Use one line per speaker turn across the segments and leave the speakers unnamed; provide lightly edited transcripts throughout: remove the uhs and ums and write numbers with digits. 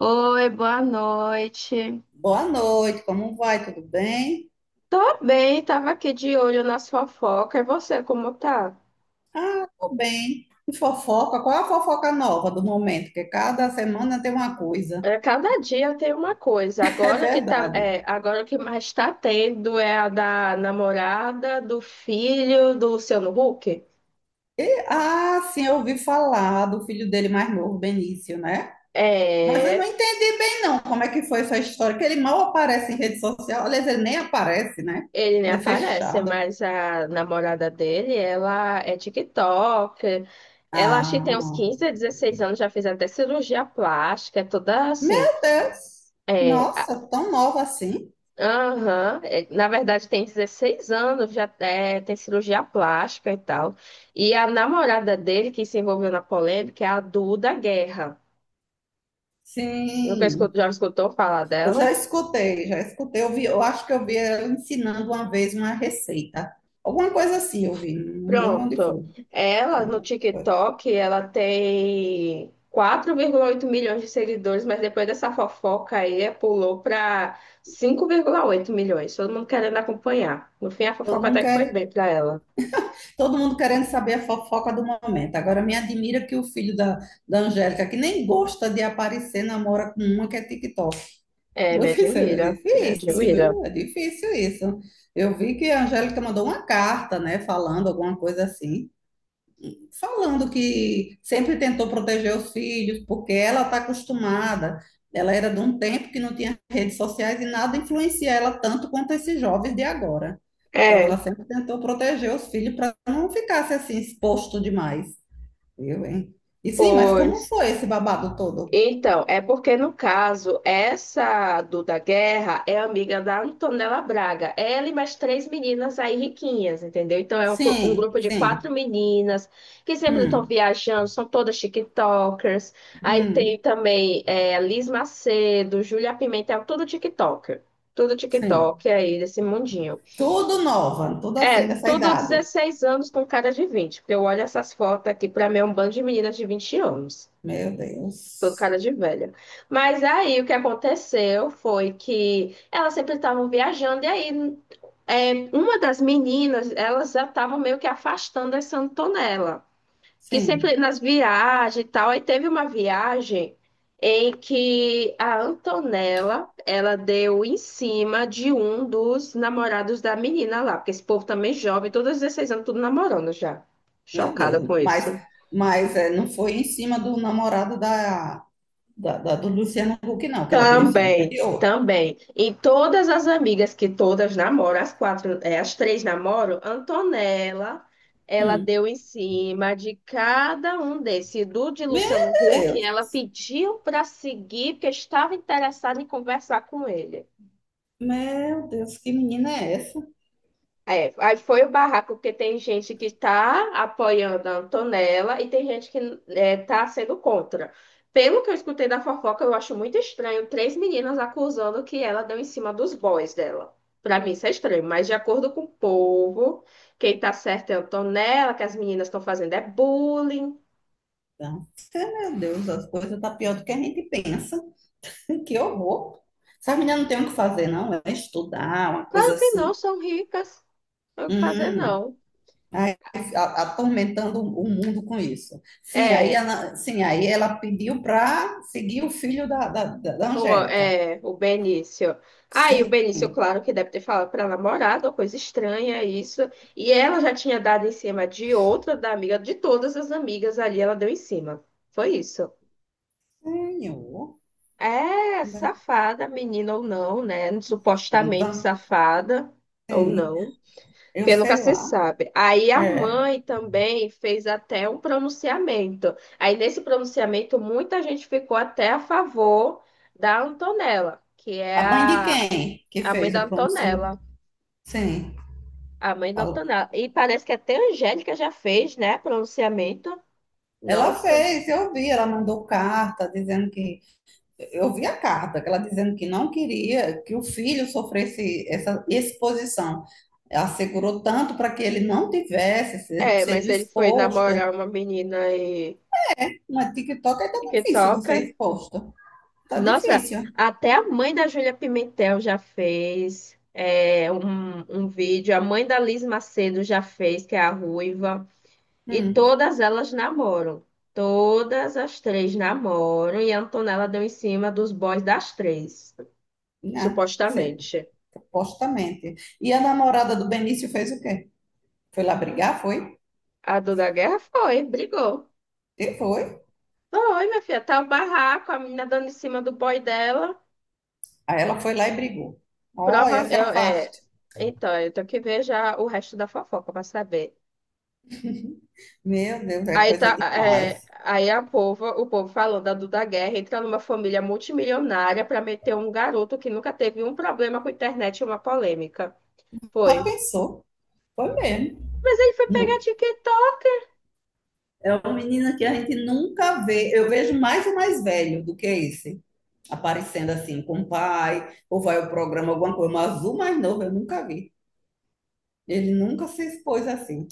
Oi, boa noite.
Boa noite, como vai? Tudo bem?
Tô bem, tava aqui de olho nas sua fofoca. E você, como tá?
Ah, tô bem. E fofoca? Qual é a fofoca nova do momento? Que cada semana tem uma coisa.
É, cada dia tem uma coisa.
É
Agora que tá,
verdade.
agora o que mais tá tendo é a da namorada, do filho do Luciano Huck.
Ah, sim, eu ouvi falar do filho dele mais novo, Benício, né? Mas eu não
É,
entendo não como é que foi essa história, que ele mal aparece em rede social. Aliás, ele nem aparece, né?
ele nem
É
aparece,
fechado.
mas a namorada dele, ela é TikToker. Ela acho que tem uns
Ah,
15, 16 anos, já fez até cirurgia plástica, é toda assim.
meu Deus!
É.
Nossa, tão nova assim?
Aham. É, na verdade, tem 16 anos, já tem cirurgia plástica e tal. E a namorada dele, que se envolveu na polêmica, é a Duda Guerra. Nunca
Sim.
escutou, já escutou falar
Eu
dela?
já escutei, já escutei. Eu vi, eu acho que eu vi ela ensinando uma vez uma receita. Alguma coisa assim eu vi, não lembro onde
Pronto.
foi.
Ela, no TikTok, ela tem 4,8 milhões de seguidores, mas depois dessa fofoca aí, pulou para 5,8 milhões. Todo mundo querendo acompanhar. No fim, a
Todo
fofoca
mundo
até que foi
quer,
bem para ela.
todo mundo querendo saber a fofoca do momento. Agora me admira que o filho da Angélica, que nem gosta de aparecer, namora com uma que é TikTok.
É,
Vou
me
dizer, é
admira, me
difícil,
admira.
viu? É difícil isso. Eu vi que a Angélica mandou uma carta, né, falando alguma coisa assim. Falando que sempre tentou proteger os filhos, porque ela está acostumada. Ela era de um tempo que não tinha redes sociais e nada influencia ela tanto quanto esses jovens de agora. Então, ela
É.
sempre tentou proteger os filhos para não ficasse assim exposto demais. Viu, hein? E sim, mas como
Pois.
foi esse babado todo?
Então, é porque no caso, essa Duda Guerra é amiga da Antonella Braga. Ela e mais três meninas aí riquinhas, entendeu? Então é um, um
Sim,
grupo de
sim.
quatro meninas que sempre estão
Hum,
viajando, são todas TikTokers. Aí
hum,
tem também Liz Macedo, Júlia Pimentel, tudo TikToker. Tudo
sim.
TikTok aí desse mundinho.
Tudo nova, tudo
É,
assim dessa
tudo
idade.
16 anos com cara de 20, porque eu olho essas fotos aqui, pra mim é um bando de meninas de 20 anos.
Meu
Tô com
Deus.
cara de velha. Mas aí o que aconteceu foi que elas sempre estavam viajando, e aí uma das meninas, elas já estavam meio que afastando essa Antonella, que
Sim.
sempre nas viagens e tal. Aí teve uma viagem em que a Antonella, ela deu em cima de um dos namorados da menina lá, porque esse povo também jovem, todos 16 anos, tudo namorando já.
Meu
Chocada
Deus.
com isso.
Mas é, não foi em cima do namorado do Luciano Huck, não, que ela deu em cima. Foi
Também,
de outro.
também. E todas as amigas que todas namoram, as quatro, as três namoram, Antonella, ela
Hum.
deu em cima de cada um desses. Do de
Meu
Luciano Huck,
Deus.
ela pediu para seguir, porque estava interessada em conversar com ele.
Meu Deus, que menina é essa?
É, aí foi o barraco, porque tem gente que está apoiando a Antonella e tem gente que está sendo contra. Pelo que eu escutei da fofoca, eu acho muito estranho três meninas acusando que ela deu em cima dos boys dela. Para mim isso é estranho, mas de acordo com o povo, quem tá certo é a Antonella, que as meninas estão fazendo é bullying.
Então, é, meu Deus, as coisas tá pior do que a gente pensa. Que horror. Essa menina não tem o que fazer, não. É estudar, uma
Claro
coisa
que não,
assim.
são ricas, não tem o que fazer
Hum.
não.
Aí, atormentando o mundo com isso.
É.
Sim, aí ela pediu para seguir o filho da Angélica.
O Benício. Aí o
Sim.
Benício, claro que deve ter falado para a namorada, uma coisa estranha isso. E ela já tinha dado em cima de outra, da amiga, de todas as amigas ali, ela deu em cima. Foi isso.
Tenho.
É safada, menina ou não, né? Supostamente
Então
safada ou
tem.
não,
Eu
porque nunca
sei
se
lá.
sabe. Aí a
É.
mãe também fez até um pronunciamento. Aí nesse pronunciamento, muita gente ficou até a favor da Antonella, que
A
é
mãe de
a
quem que
a mãe
fez o
da
pronunciamento?
Antonella.
Sim,
A mãe da
falou.
Antonella. E parece que até a Angélica já fez, né? Pronunciamento.
Ela
Nossa.
fez, eu vi, ela mandou carta dizendo que. Eu vi a carta, que ela dizendo que não queria que o filho sofresse essa exposição. Ela segurou tanto para que ele não tivesse
É, mas
sido
ele foi namorar
exposto.
uma menina e
Mas TikTok é tão difícil não
TikToker.
ser exposto. Tá
Nossa,
difícil.
até a mãe da Júlia Pimentel já fez um vídeo. A mãe da Liz Macedo já fez, que é a ruiva. E
Hum,
todas elas namoram. Todas as três namoram. E a Antonella deu em cima dos boys das três,
né?
supostamente.
Supostamente. E a namorada do Benício fez o quê? Foi lá brigar? Foi?
A dor da guerra foi, brigou.
E foi.
Foi, minha filha, tá o barraco, a menina dando em cima do boy dela.
Aí ela foi lá e brigou.
Prova,
Olha, se afaste.
então, eu tenho que ver já o resto da fofoca pra saber.
Meu Deus, é
Aí
coisa
tá,
demais.
aí o povo falando da Duda Guerra entra numa família multimilionária pra meter um garoto que nunca teve um problema com internet e uma polêmica.
Já
Foi.
pensou? Foi mesmo.
Mas ele foi pegar
Não.
TikTok.
É uma menina que a gente nunca vê. Eu vejo mais o mais velho do que esse. Aparecendo assim com o pai, ou vai ao programa, alguma coisa. Mas azul mais novo eu nunca vi. Ele nunca se expôs assim.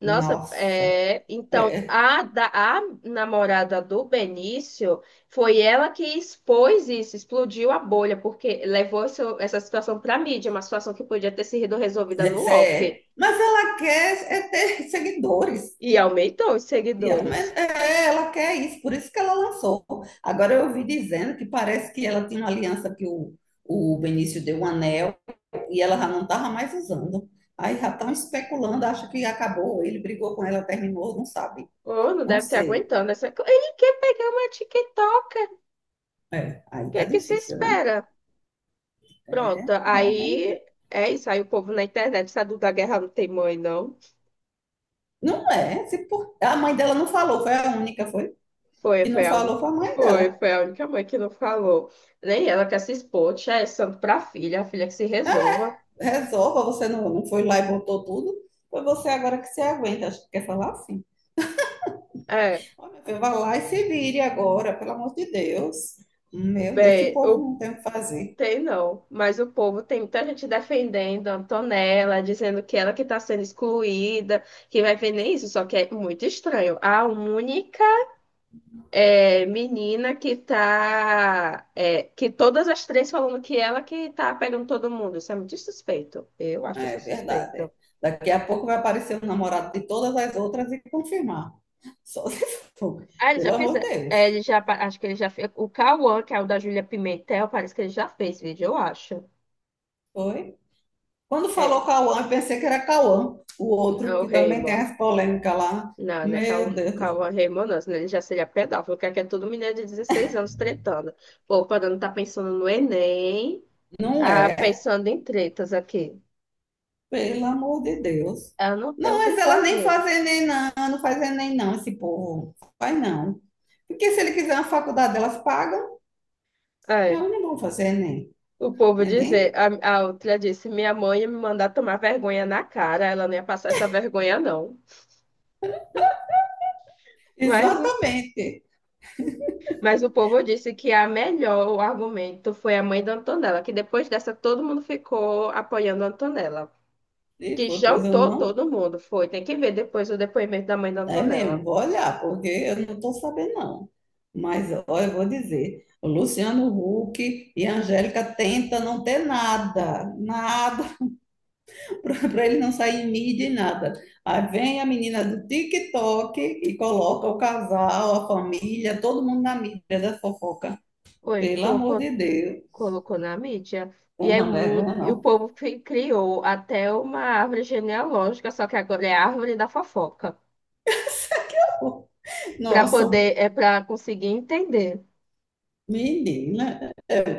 Nossa,
Nossa.
é, então
É, é,
a namorada do Benício foi ela que expôs isso, explodiu a bolha, porque levou essa situação para mídia, uma situação que podia ter sido resolvida no off
é. Mas ela quer é ter seguidores.
e aumentou os
E ela,
seguidores.
mas é, ela quer isso, por isso que ela lançou. Agora eu ouvi dizendo que parece que ela tinha uma aliança que o Benício deu um anel e ela já não estava mais usando. Aí já estão especulando, acho que acabou, ele brigou com ela, terminou, não sabe.
Ou não
Não
deve ter
sei.
aguentando essa. Ele quer pegar uma TikToker, o
É. Aí
que
tá
é que você
difícil, né?
espera? Pronto,
Realmente.
aí é isso, aí o povo na internet, essa Duda Guerra não tem mãe, não.
Não é. Se por- A mãe dela não falou, foi a única, foi.
Foi,
Que não
foi a
falou
única,
foi a mãe
foi,
dela.
foi a única mãe que não falou. Nem ela quer se expor, tia, é santo pra filha, a filha que se resolva.
Resolva, você não, não foi lá e botou tudo. Foi você agora que se aguenta. Acho que quer falar assim.
É,
Ó, meu filho, lá e se vire agora, pelo amor de Deus. Meu Deus, esse
bem,
povo não tem o que fazer.
tem não, mas o povo tem muita gente defendendo a Antonella, dizendo que ela que tá sendo excluída, que vai ver nem isso, só que é muito estranho. A única menina que tá, que todas as três falando que ela que tá pegando todo mundo, isso é muito suspeito. Eu acho
É
isso
verdade.
suspeito.
É. Daqui a pouco vai aparecer o namorado de todas as outras e confirmar. Só se for.
Ah, ele já
Pelo
fez.
amor de Deus.
Ele já, acho que ele já fez. O Cauã, que é o da Júlia Pimentel, parece que ele já fez vídeo, eu acho.
Foi? Quando falou
É,
Cauã, eu pensei que era Cauã, o
é
outro
o
que também tem
Raymond.
as polêmicas lá.
Não, né?
Meu
Calma,
Deus.
calma, Raymond, não, senão ele já seria pedófilo, que aqui é todo menino de 16 anos tretando. Pô, quando não tá pensando no Enem,
Não
tá
é.
pensando em tretas aqui.
Pelo amor de Deus.
Ela não tem
Não,
o que
mas ela nem
fazer.
faz Enem, não, não faz Enem, não, esse povo. Faz não. Porque se ele quiser uma faculdade, elas pagam,
É,
elas não vão fazer Enem.
o povo dizer,
Enem?
a outra disse, minha mãe ia me mandar tomar vergonha na cara, ela não ia passar essa vergonha, não. Mas
Exatamente.
O povo disse que a melhor, o argumento foi a mãe da Antonella, que depois dessa todo mundo ficou apoiando a Antonella.
E
Que
foi, pois eu
jantou
não.
todo mundo, foi. Tem que ver depois o depoimento da mãe da
É
Antonella.
mesmo, vou olhar, porque eu não estou sabendo, não. Mas, ó, eu vou dizer, o Luciano Huck e a Angélica tentam não ter nada, nada. Para ele não sair em mídia e nada. Aí vem a menina do TikTok e coloca o casal, a família, todo mundo na mídia da fofoca.
Foi,
Pelo amor
colocou,
de Deus.
colocou na mídia. E,
Tem não vergonha,
e o
não.
povo criou até uma árvore genealógica, só que agora é a árvore da fofoca, para
Nossa,
poder, é para conseguir entender.
menina,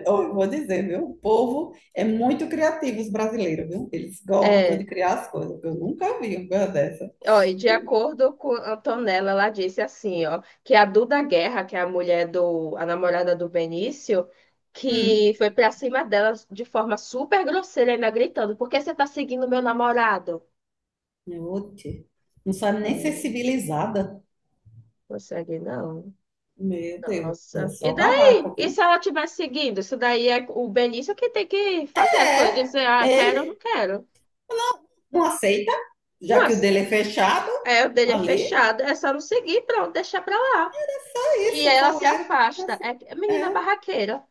eu vou dizer, viu? O povo é muito criativo, os brasileiros, viu? Eles gostam de
É.
criar as coisas. Eu nunca vi uma coisa dessa.
Ó, e de acordo com a Antonella, ela disse assim, ó, que a Duda Guerra, que é a mulher do, a namorada do Benício, que
Hum,
foi pra cima dela de forma super grosseira, ainda gritando, por que você tá seguindo meu namorado?
oxe. Não sabe nem ser
É,
civilizada.
consegue não.
Meu Deus, é
Nossa. E
só
daí?
barraco,
E
viu?
se ela estiver seguindo? Isso daí é o Benício que tem que fazer as coisas,
É,
dizer, ah, quero ou não
ele
quero.
não aceita, já que o
Nossa,
dele é fechado
o dele é
ali.
fechado, é só não seguir, pronto, deixar pra lá.
É
E
isso,
ela se
falaram.
afasta. É menina
É,
barraqueira.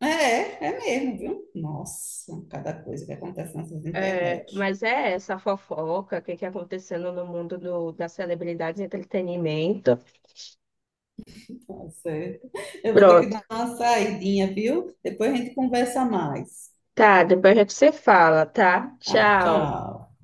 é, é mesmo, viu? Nossa, cada coisa que acontece nessas
É,
internet.
mas é essa fofoca, o que que é acontecendo no mundo da celebridade e entretenimento.
Tá certo. Eu vou ter que
Pronto.
dar uma saidinha, viu? Depois a gente conversa mais.
Tá, depois a gente se fala, tá?
Tá,
Tchau.
tchau.